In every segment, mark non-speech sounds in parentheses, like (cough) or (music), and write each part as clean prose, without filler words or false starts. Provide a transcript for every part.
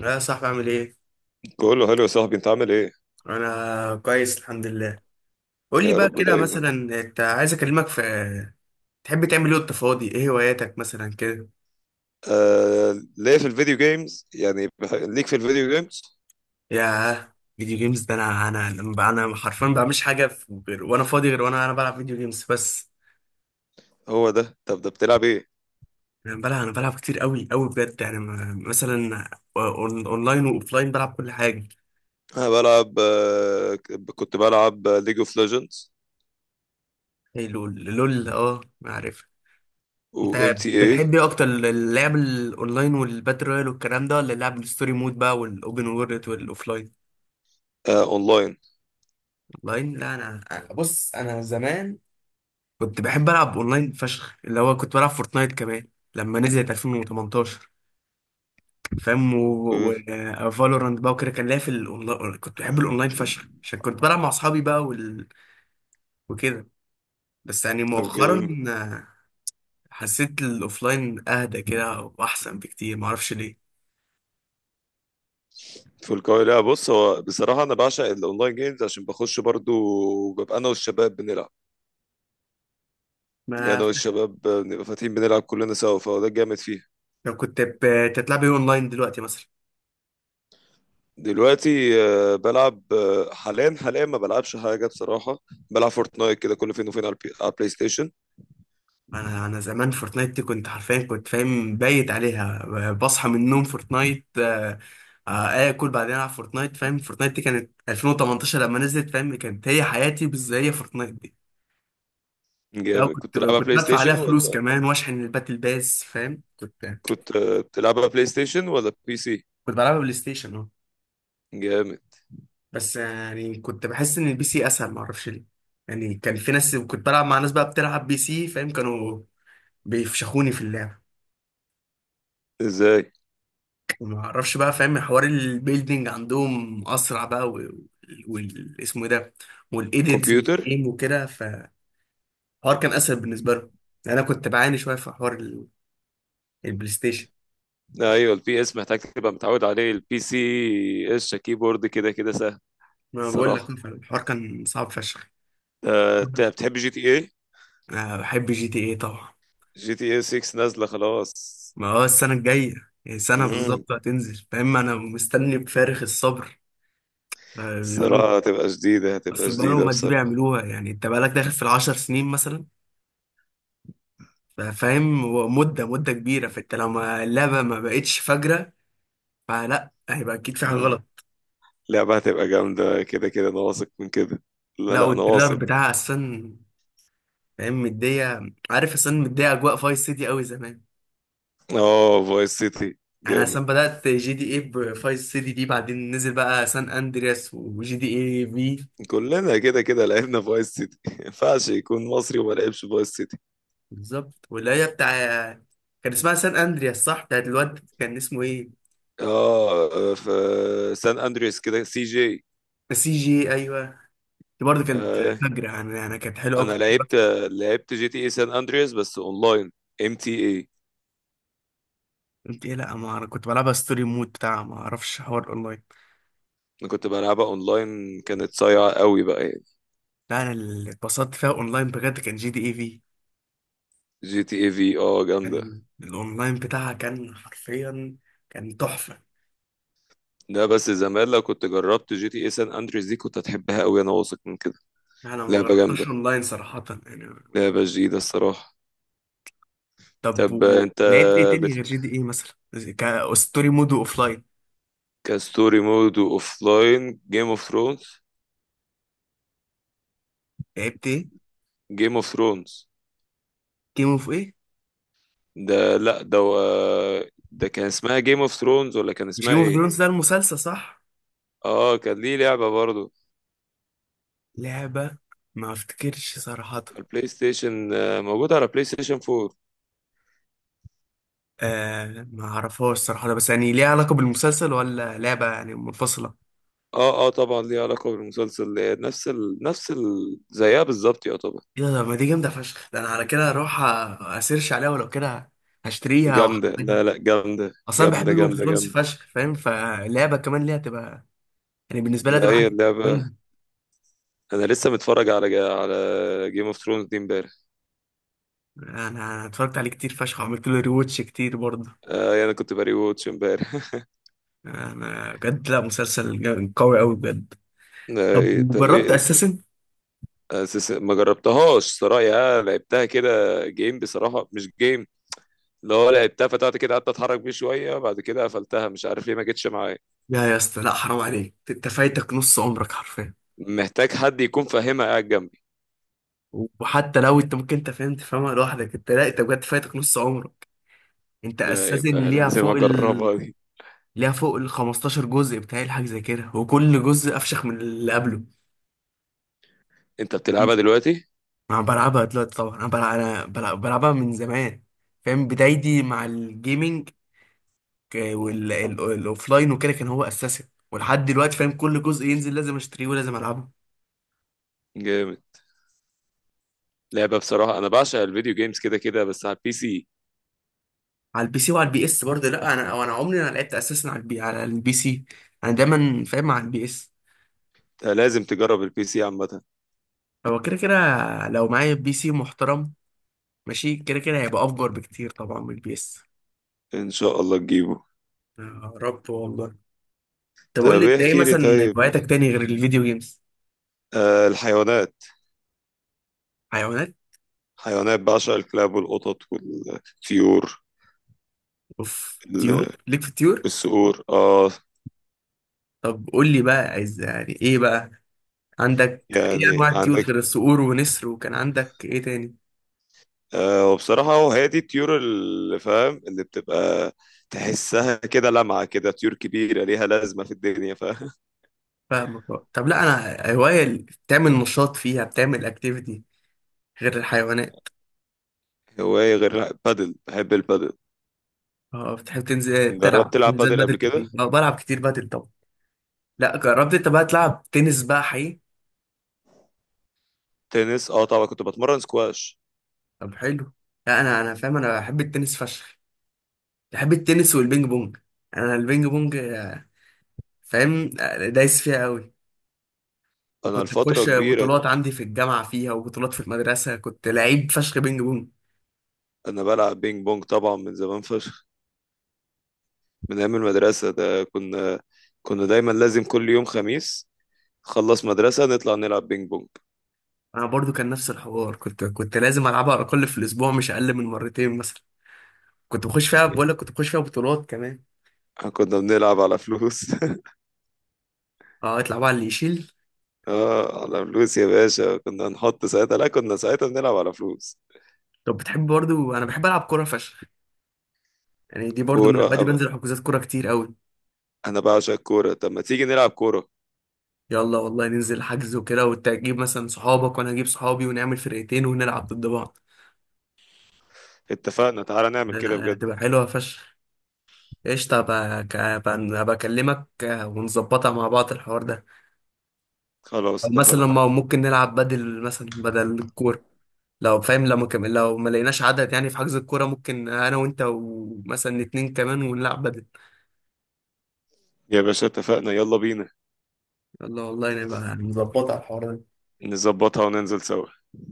لا، يا صاحبي، عامل ايه؟ بقول له هلو يا صاحبي، انت عامل ايه؟ انا كويس، الحمد لله. قول لي يا بقى، رب كده دايما. مثلا انت عايز اكلمك في. تحب تعمل ايه وانت فاضي؟ ايه هواياتك مثلا كده؟ آه ليه في الفيديو جيمز يعني ليك في الفيديو جيمز. ياه، فيديو جيمز ده. انا انا حرفيا ما بعملش حاجه غير وانا فاضي، غير وانا انا بلعب فيديو جيمز بس. هو ده. طب ده بتلعب ايه؟ انا بلعب كتير قوي قوي بجد يعني، مثلا اونلاين واوفلاين بلعب كل حاجه. انا بلعب، كنت بلعب ليج اوف ليجندز ايه لول لول، اه ما عارف. وام انت تي اي. بتحب ايه اكتر، اللعب الاونلاين والباتل رويال والكلام ده، ولا اللعب الستوري مود بقى والاوبن وورلد والاوفلاين؟ اونلاين. اونلاين، لا انا. بص، انا زمان كنت بحب العب اونلاين فشخ، اللي هو كنت بلعب فورتنايت كمان لما نزلت 2018، فاهم؟ اوكي. وفالورانت بقى وكده، كان ليا في الاونلاين، كنت بحب الاونلاين فشخ عشان كنت بلعب مع اصحابي بقى وكده. بس يعني طب جيم مؤخرا، حسيت الاوفلاين اهدى كده واحسن بكتير، معرفش ليه. في القاهرة. بص هو بصراحة أنا بعشق الأونلاين جيمز، عشان بخش برضو ببقى أنا والشباب بنلعب. يعني ما، أنا والشباب بنبقى فاتحين بنلعب كلنا سوا، فهو ده الجامد فيه. لو كنت بتلعب ايه اونلاين دلوقتي مثلا؟ دلوقتي، بلعب، حاليا ما بلعبش حاجة بصراحة. بلعب فورتنايت كده كل فين وفين على على البلاي ستيشن. انا زمان فورتنايت دي كنت حرفيا كنت فاهم بايت عليها، بصحى من النوم فورتنايت، اكل، بعدين العب فورتنايت، فاهم؟ فورتنايت دي كانت 2018 لما نزلت، فاهم؟ كانت هي حياتي بس، هي فورتنايت دي. لا، جامد. كنت كنت تلعبها كنت بلاي بدفع عليها ستيشن فلوس ولا كمان واشحن الباتل باس، فاهم؟ كنت كنت، بتلعبها بلاي ستيشن ولا بي سي؟ كنت بلعبها بلاي ستيشن، اه. جامد. بس يعني كنت بحس ان البي سي اسهل، ما اعرفش ليه. يعني كان في ناس، كنت بلعب مع ناس بقى بتلعب بي سي، فاهم؟ كانوا بيفشخوني في اللعب، ازاي؟ وما اعرفش بقى، فاهم؟ حوار البيلدينج عندهم اسرع بقى، اسمه ايه ده، والايديتس كمبيوتر. والجيم وكده، فالحوار كان اسهل بالنسبه لهم. يعني انا كنت بعاني شويه في حوار البلاي ستيشن. ايوه البي اس محتاج تبقى متعود عليه. البي سي اس كيبورد كده كده سهل. ما بقول لك الصراحة، الحوار كان صعب فشخ. انت بتحب جي تي اي؟ أنا بحب جي تي ايه طبعا. جي تي اي 6 نازلة خلاص. ما هو السنه الجايه، يعني سنه مم. بالظبط هتنزل، فاهم؟ انا مستني بفارغ الصبر. بيقولوا الصراحة هتبقى جديدة، هتبقى اصل جديدة بقالهم قد ايه بصراحة. بيعملوها. يعني انت بقالك داخل في ال 10 سنين مثلا، فاهم؟ هو مدة مدة كبيرة، فانت لو اللعبة ما بقتش فجرة، فلا، هيبقى اكيد في حاجة غلط. لعبة هتبقى جامدة كده كده، أنا واثق من كده. لا لا، لا أنا والتريلر واثق. بتاعها اصلا، فاهم؟ مدية، عارف؟ اصلا مدية اجواء فايس سيتي قوي زمان. اه فايس سيتي. انا جامد. اصلا بدأت جي دي ايه بفايس سيتي دي، بعدين نزل بقى سان اندرياس وجي دي ايه في، كلنا كده كده لعبنا فايس سيتي (laughs) ما ينفعش يكون مصري وما لعبش فايس سيتي. بالظبط. واللي هي بتاع، كان اسمها سان اندرياس صح؟ بتاعت الواد كان اسمه ايه، اه في سان أندريس كده سي جي. سي جي؟ ايوه، دي برضه كانت آه. فجرة. انا كانت حلوة أنا قوي. لعبت، لعبت جي تي اي سان أندريس بس أونلاين، ام تي اي. قلت ايه؟ لا ما انا كنت بلعبها ستوري مود بتاع، ما اعرفش حوار اونلاين. أنا كنت بلعبها أونلاين، كانت صايعة قوي بقى يعني. لا، انا اللي اتبسطت فيها اونلاين بجد كان جي دي اي في، جي تي اي في جامدة. كان الاونلاين بتاعها كان حرفيا كان تحفه. لا بس زمان لو كنت جربت جي تي اي سان أندريس دي كنت هتحبها قوي، أنا واثق من كده. انا ما لعبة جربتش جامدة، اونلاين صراحه، يعني. لعبة جديدة الصراحة. طب، طب انت ولعبت ايه تاني غير بت... جي دي اي مثلا؟ كستوري مود واوفلاين. كستوري مود واوف لاين جيم اوف ثرونز. لعبت ايه؟ جيم اوف ثرونز. جيم اوف ايه؟ ده لا ده كان اسمها جيم اوف ثرونز ولا كان مش اسمها جيم اوف ايه؟ ثرونز ده المسلسل صح؟ اه كان ليه لعبة برضو، لعبه؟ ما افتكرش صراحه. على البلاي ستيشن، موجودة على بلاي ستيشن 4. آه ما اعرفهاش صراحه، بس يعني ليها علاقه بالمسلسل، ولا لعبه يعني منفصله؟ اه اه طبعا ليه علاقة بالمسلسل، نفس ال... زيها بالظبط يا طبعا. ايه ده، ما دي جامده فشخ. ده انا على كده اروح اسيرش عليها، ولو كده هشتريها جامدة. لا واحملها. لا جامدة اصلا بحب جامدة جيم اوف جامدة ثرونز جامدة. فشخ، فاهم؟ فاللعبه كمان ليها تبقى، يعني بالنسبه لها ده تبقى هي حاجه اللعبة. جامده. انا لسه متفرج على جيم اوف ثرونز دي امبارح. انا اتفرجت عليه كتير فشخ، وعملت له ريواتش كتير برضه. يعني انا كنت بري ووتش امبارح. انا بجد، لا مسلسل قوي قوي بجد. (laughs) إيه، طب، طب جربت ايه. اساسن؟ ما جربتهاش صراحه، يعني لعبتها كده. جيم بصراحه مش جيم، اللي هو لعبتها فتحت كده قعدت اتحرك بيه شويه بعد كده قفلتها مش عارف ليه ما جتش معايا. لا يا اسطى، لا حرام عليك، انت فايتك نص عمرك حرفيا. محتاج حد يكون فاهمها قاعد جنبي. وحتى لو انت ممكن انت فاهم تفهمها لوحدك، انت لا، انت بجد فايتك نص عمرك. انت ده اساسا يبقى لازم اجربها دي. ليها فوق ال 15 جزء بتاعي الحاجة زي كده، وكل جزء أفشخ من اللي قبله. انت بتلعبها دلوقتي؟ أنا بلعبها دلوقتي طبعا، بلعبها من زمان، فاهم؟ بدايتي مع الجيمنج والأوفلاين وكده كان هو أساسي، ولحد دلوقتي فاهم كل جزء ينزل لازم أشتريه ولازم ألعبه. جامد. لعبه بصراحه، انا بعشق الفيديو جيمز كده كده بس على البي سي. على البي سي وعلى البي اس برضه. لا، أنا عمري ما لعبت أساسا على البي سي، أنا دايما فاهم على البي اس. أنت لازم تجرب البي سي عامه. هو كده كده لو معايا بي سي محترم ماشي، كده كده هيبقى أفجر بكتير طبعا من البي اس. ان شاء الله تجيبه. يا رب والله. طب قول لي طب ايه انت، ايه احكي لي مثلا طيب. هواياتك تاني غير الفيديو جيمز؟ الحيوانات. حيوانات. حيوانات. بعشق الكلاب والقطط والطيور. اوف، طيور، ال- ليك في الطيور. الصقور اه. طب قول لي بقى، عايز يعني ايه بقى، عندك ايه يعني انواع الطيور عندك، غير الصقور ونسر، وكان عندك ايه تاني؟ آه، وبصراحة هو هي دي الطيور اللي فاهم اللي بتبقى تحسها كده لمعة كده، طيور كبيرة ليها لازمة في الدنيا فاهم. فاهمك بقى. طب لا، انا هواية اللي بتعمل نشاط فيها، بتعمل اكتيفيتي غير الحيوانات. (laughs) هواية غير بادل، بحب البادل. اه بتحب تنزل جربت تلعب تلعب حجوزات بادل بدل قبل كده؟ كتير؟ اه بلعب كتير بدل طبعا. لا جربت انت بقى تلعب تنس بقى حقيقي؟ تنس اه طبعا، كنت بتمرن سكواش. طب حلو. لا، انا فاهم، انا بحب التنس فشخ، بحب التنس والبينج بونج. انا البينج بونج، فاهم؟ دايس فيها قوي، انا وكنت لفترة بخش كبيرة، بطولات عندي في الجامعة فيها، وبطولات في المدرسة، كنت لعيب فشخ بينج بونج. انا بلعب بينج بونج طبعا من زمان فشخ. من ايام المدرسة ده كنا دايما لازم كل يوم خميس خلص مدرسة نطلع نلعب بينج بونج. أنا برضو كان نفس الحوار، كنت لازم ألعبها على الأقل في الأسبوع مش أقل من مرتين مثلا. كنت بخش فيها، بقول لك كنت بخش فيها بطولات كمان. كنا بنلعب على فلوس (laughs) اه اطلع بقى اللي يشيل. اه على فلوس يا باشا، كنا نحط ساعتها، لا كنا ساعتها بنلعب على فلوس. طب بتحب برضو، أنا بحب ألعب كورة فشخ، يعني دي برضو من كورة بدري أب- بنزل حجوزات كورة كتير قوي. أنا بعشق الكورة. طب ما تيجي نلعب كورة؟ يلا والله، ننزل حجز وكده، وتجيب مثلا صحابك وأنا أجيب صحابي، ونعمل فرقتين ونلعب ضد بعض. اتفقنا، تعالى نعمل ده كده بجد. هتبقى حلوة فشخ. قشطة. بقى بكلمك ونظبطها مع بعض الحوار ده. خلاص أو مثلا، اتفقنا. ما ممكن نلعب بدل مثلا بدل الكورة، لو فاهم لو ما كم... لو ما لقيناش عدد، يعني في حجز الكورة، ممكن أنا وأنت ومثلا اتنين كمان ونلعب بدل. يا باشا اتفقنا يلا بينا، يلا والله، نبقى نظبطها الحوار ده. نظبطها وننزل سوا.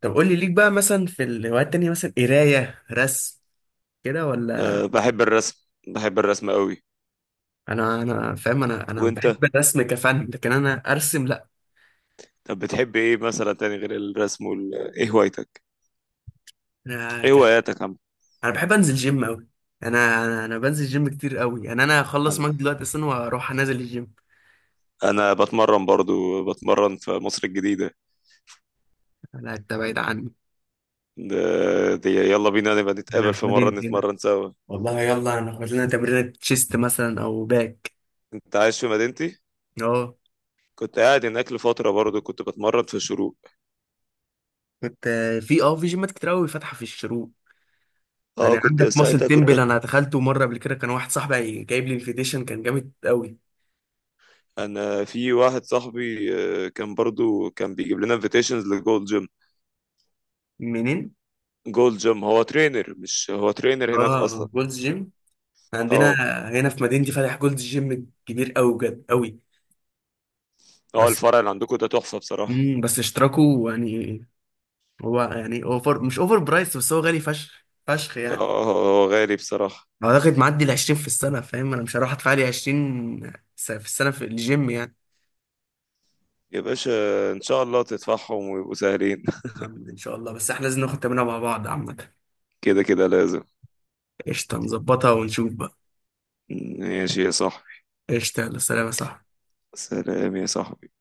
طب قول لي، ليك بقى مثلا في الهوايات التانية مثلا، قراية، رسم كده، ولا؟ أه بحب الرسم، بحب الرسم قوي. أنا فاهم، أنا وانت، بحب الرسم كفن لكن أنا أرسم، لأ. طب بتحب ايه مثلا تاني غير الرسم ايه هوايتك، أنا ايه هواياتك يا عم؟ انا بحب انزل جيم قوي. انا بنزل جيم كتير قوي، يعني انا هخلص انا معاك دلوقتي اصلا واروح انزل الجيم. انا بتمرن برضو، بتمرن في مصر الجديدة. انا، انت بعيد عني. ده دي يلا بينا نبقى انا نتقابل في في مرة مدينتي هنا، نتمرن سوا. والله. يلا ناخد لنا تمرينة تشيست مثلا او باك. انت عايش في مدينتي. اه كنت قاعد هناك لفترة برضو، كنت بتمرن في الشروق. كنت في في جيمات كتير قوي فاتحه في الشروق. اه يعني كنت عندك ماسل ساعتها كنت. تمبل، انا دخلته مره قبل كده، كان واحد صاحبي جايب لي انفيتيشن، كان جامد قوي. انا في واحد صاحبي، كان برضو كان بيجيب لنا انفيتيشنز لجولد جيم. منين؟ جولد جيم، هو ترينر مش هو ترينر هناك اه اصلا. جولدز جيم، عندنا اه. هنا في مدينتي فاتح جولدز جيم كبير قوي بجد قوي. اه بس الفرع اللي عندكم ده تحفة بصراحة. بس اشتراكه يعني، هو يعني اوفر، مش اوفر برايس، بس هو غالي فشخ فشخ يعني. اه هو غالي بصراحة. اعتقد معدي ال 20 في السنه، فاهم؟ انا مش هروح ادفع لي 20 في السنه في الجيم يعني. يا باشا ان شاء الله تدفعهم ويبقوا سهلين. يا عم ان شاء الله، بس احنا لازم ناخد تمرينه مع بعض عامه. (laughs) كده كده لازم. قشطه، نظبطها ونشوف بقى. ماشي يا صاحبي. قشطه، يلا سلام يا صاحبي. سلام يا صاحبي.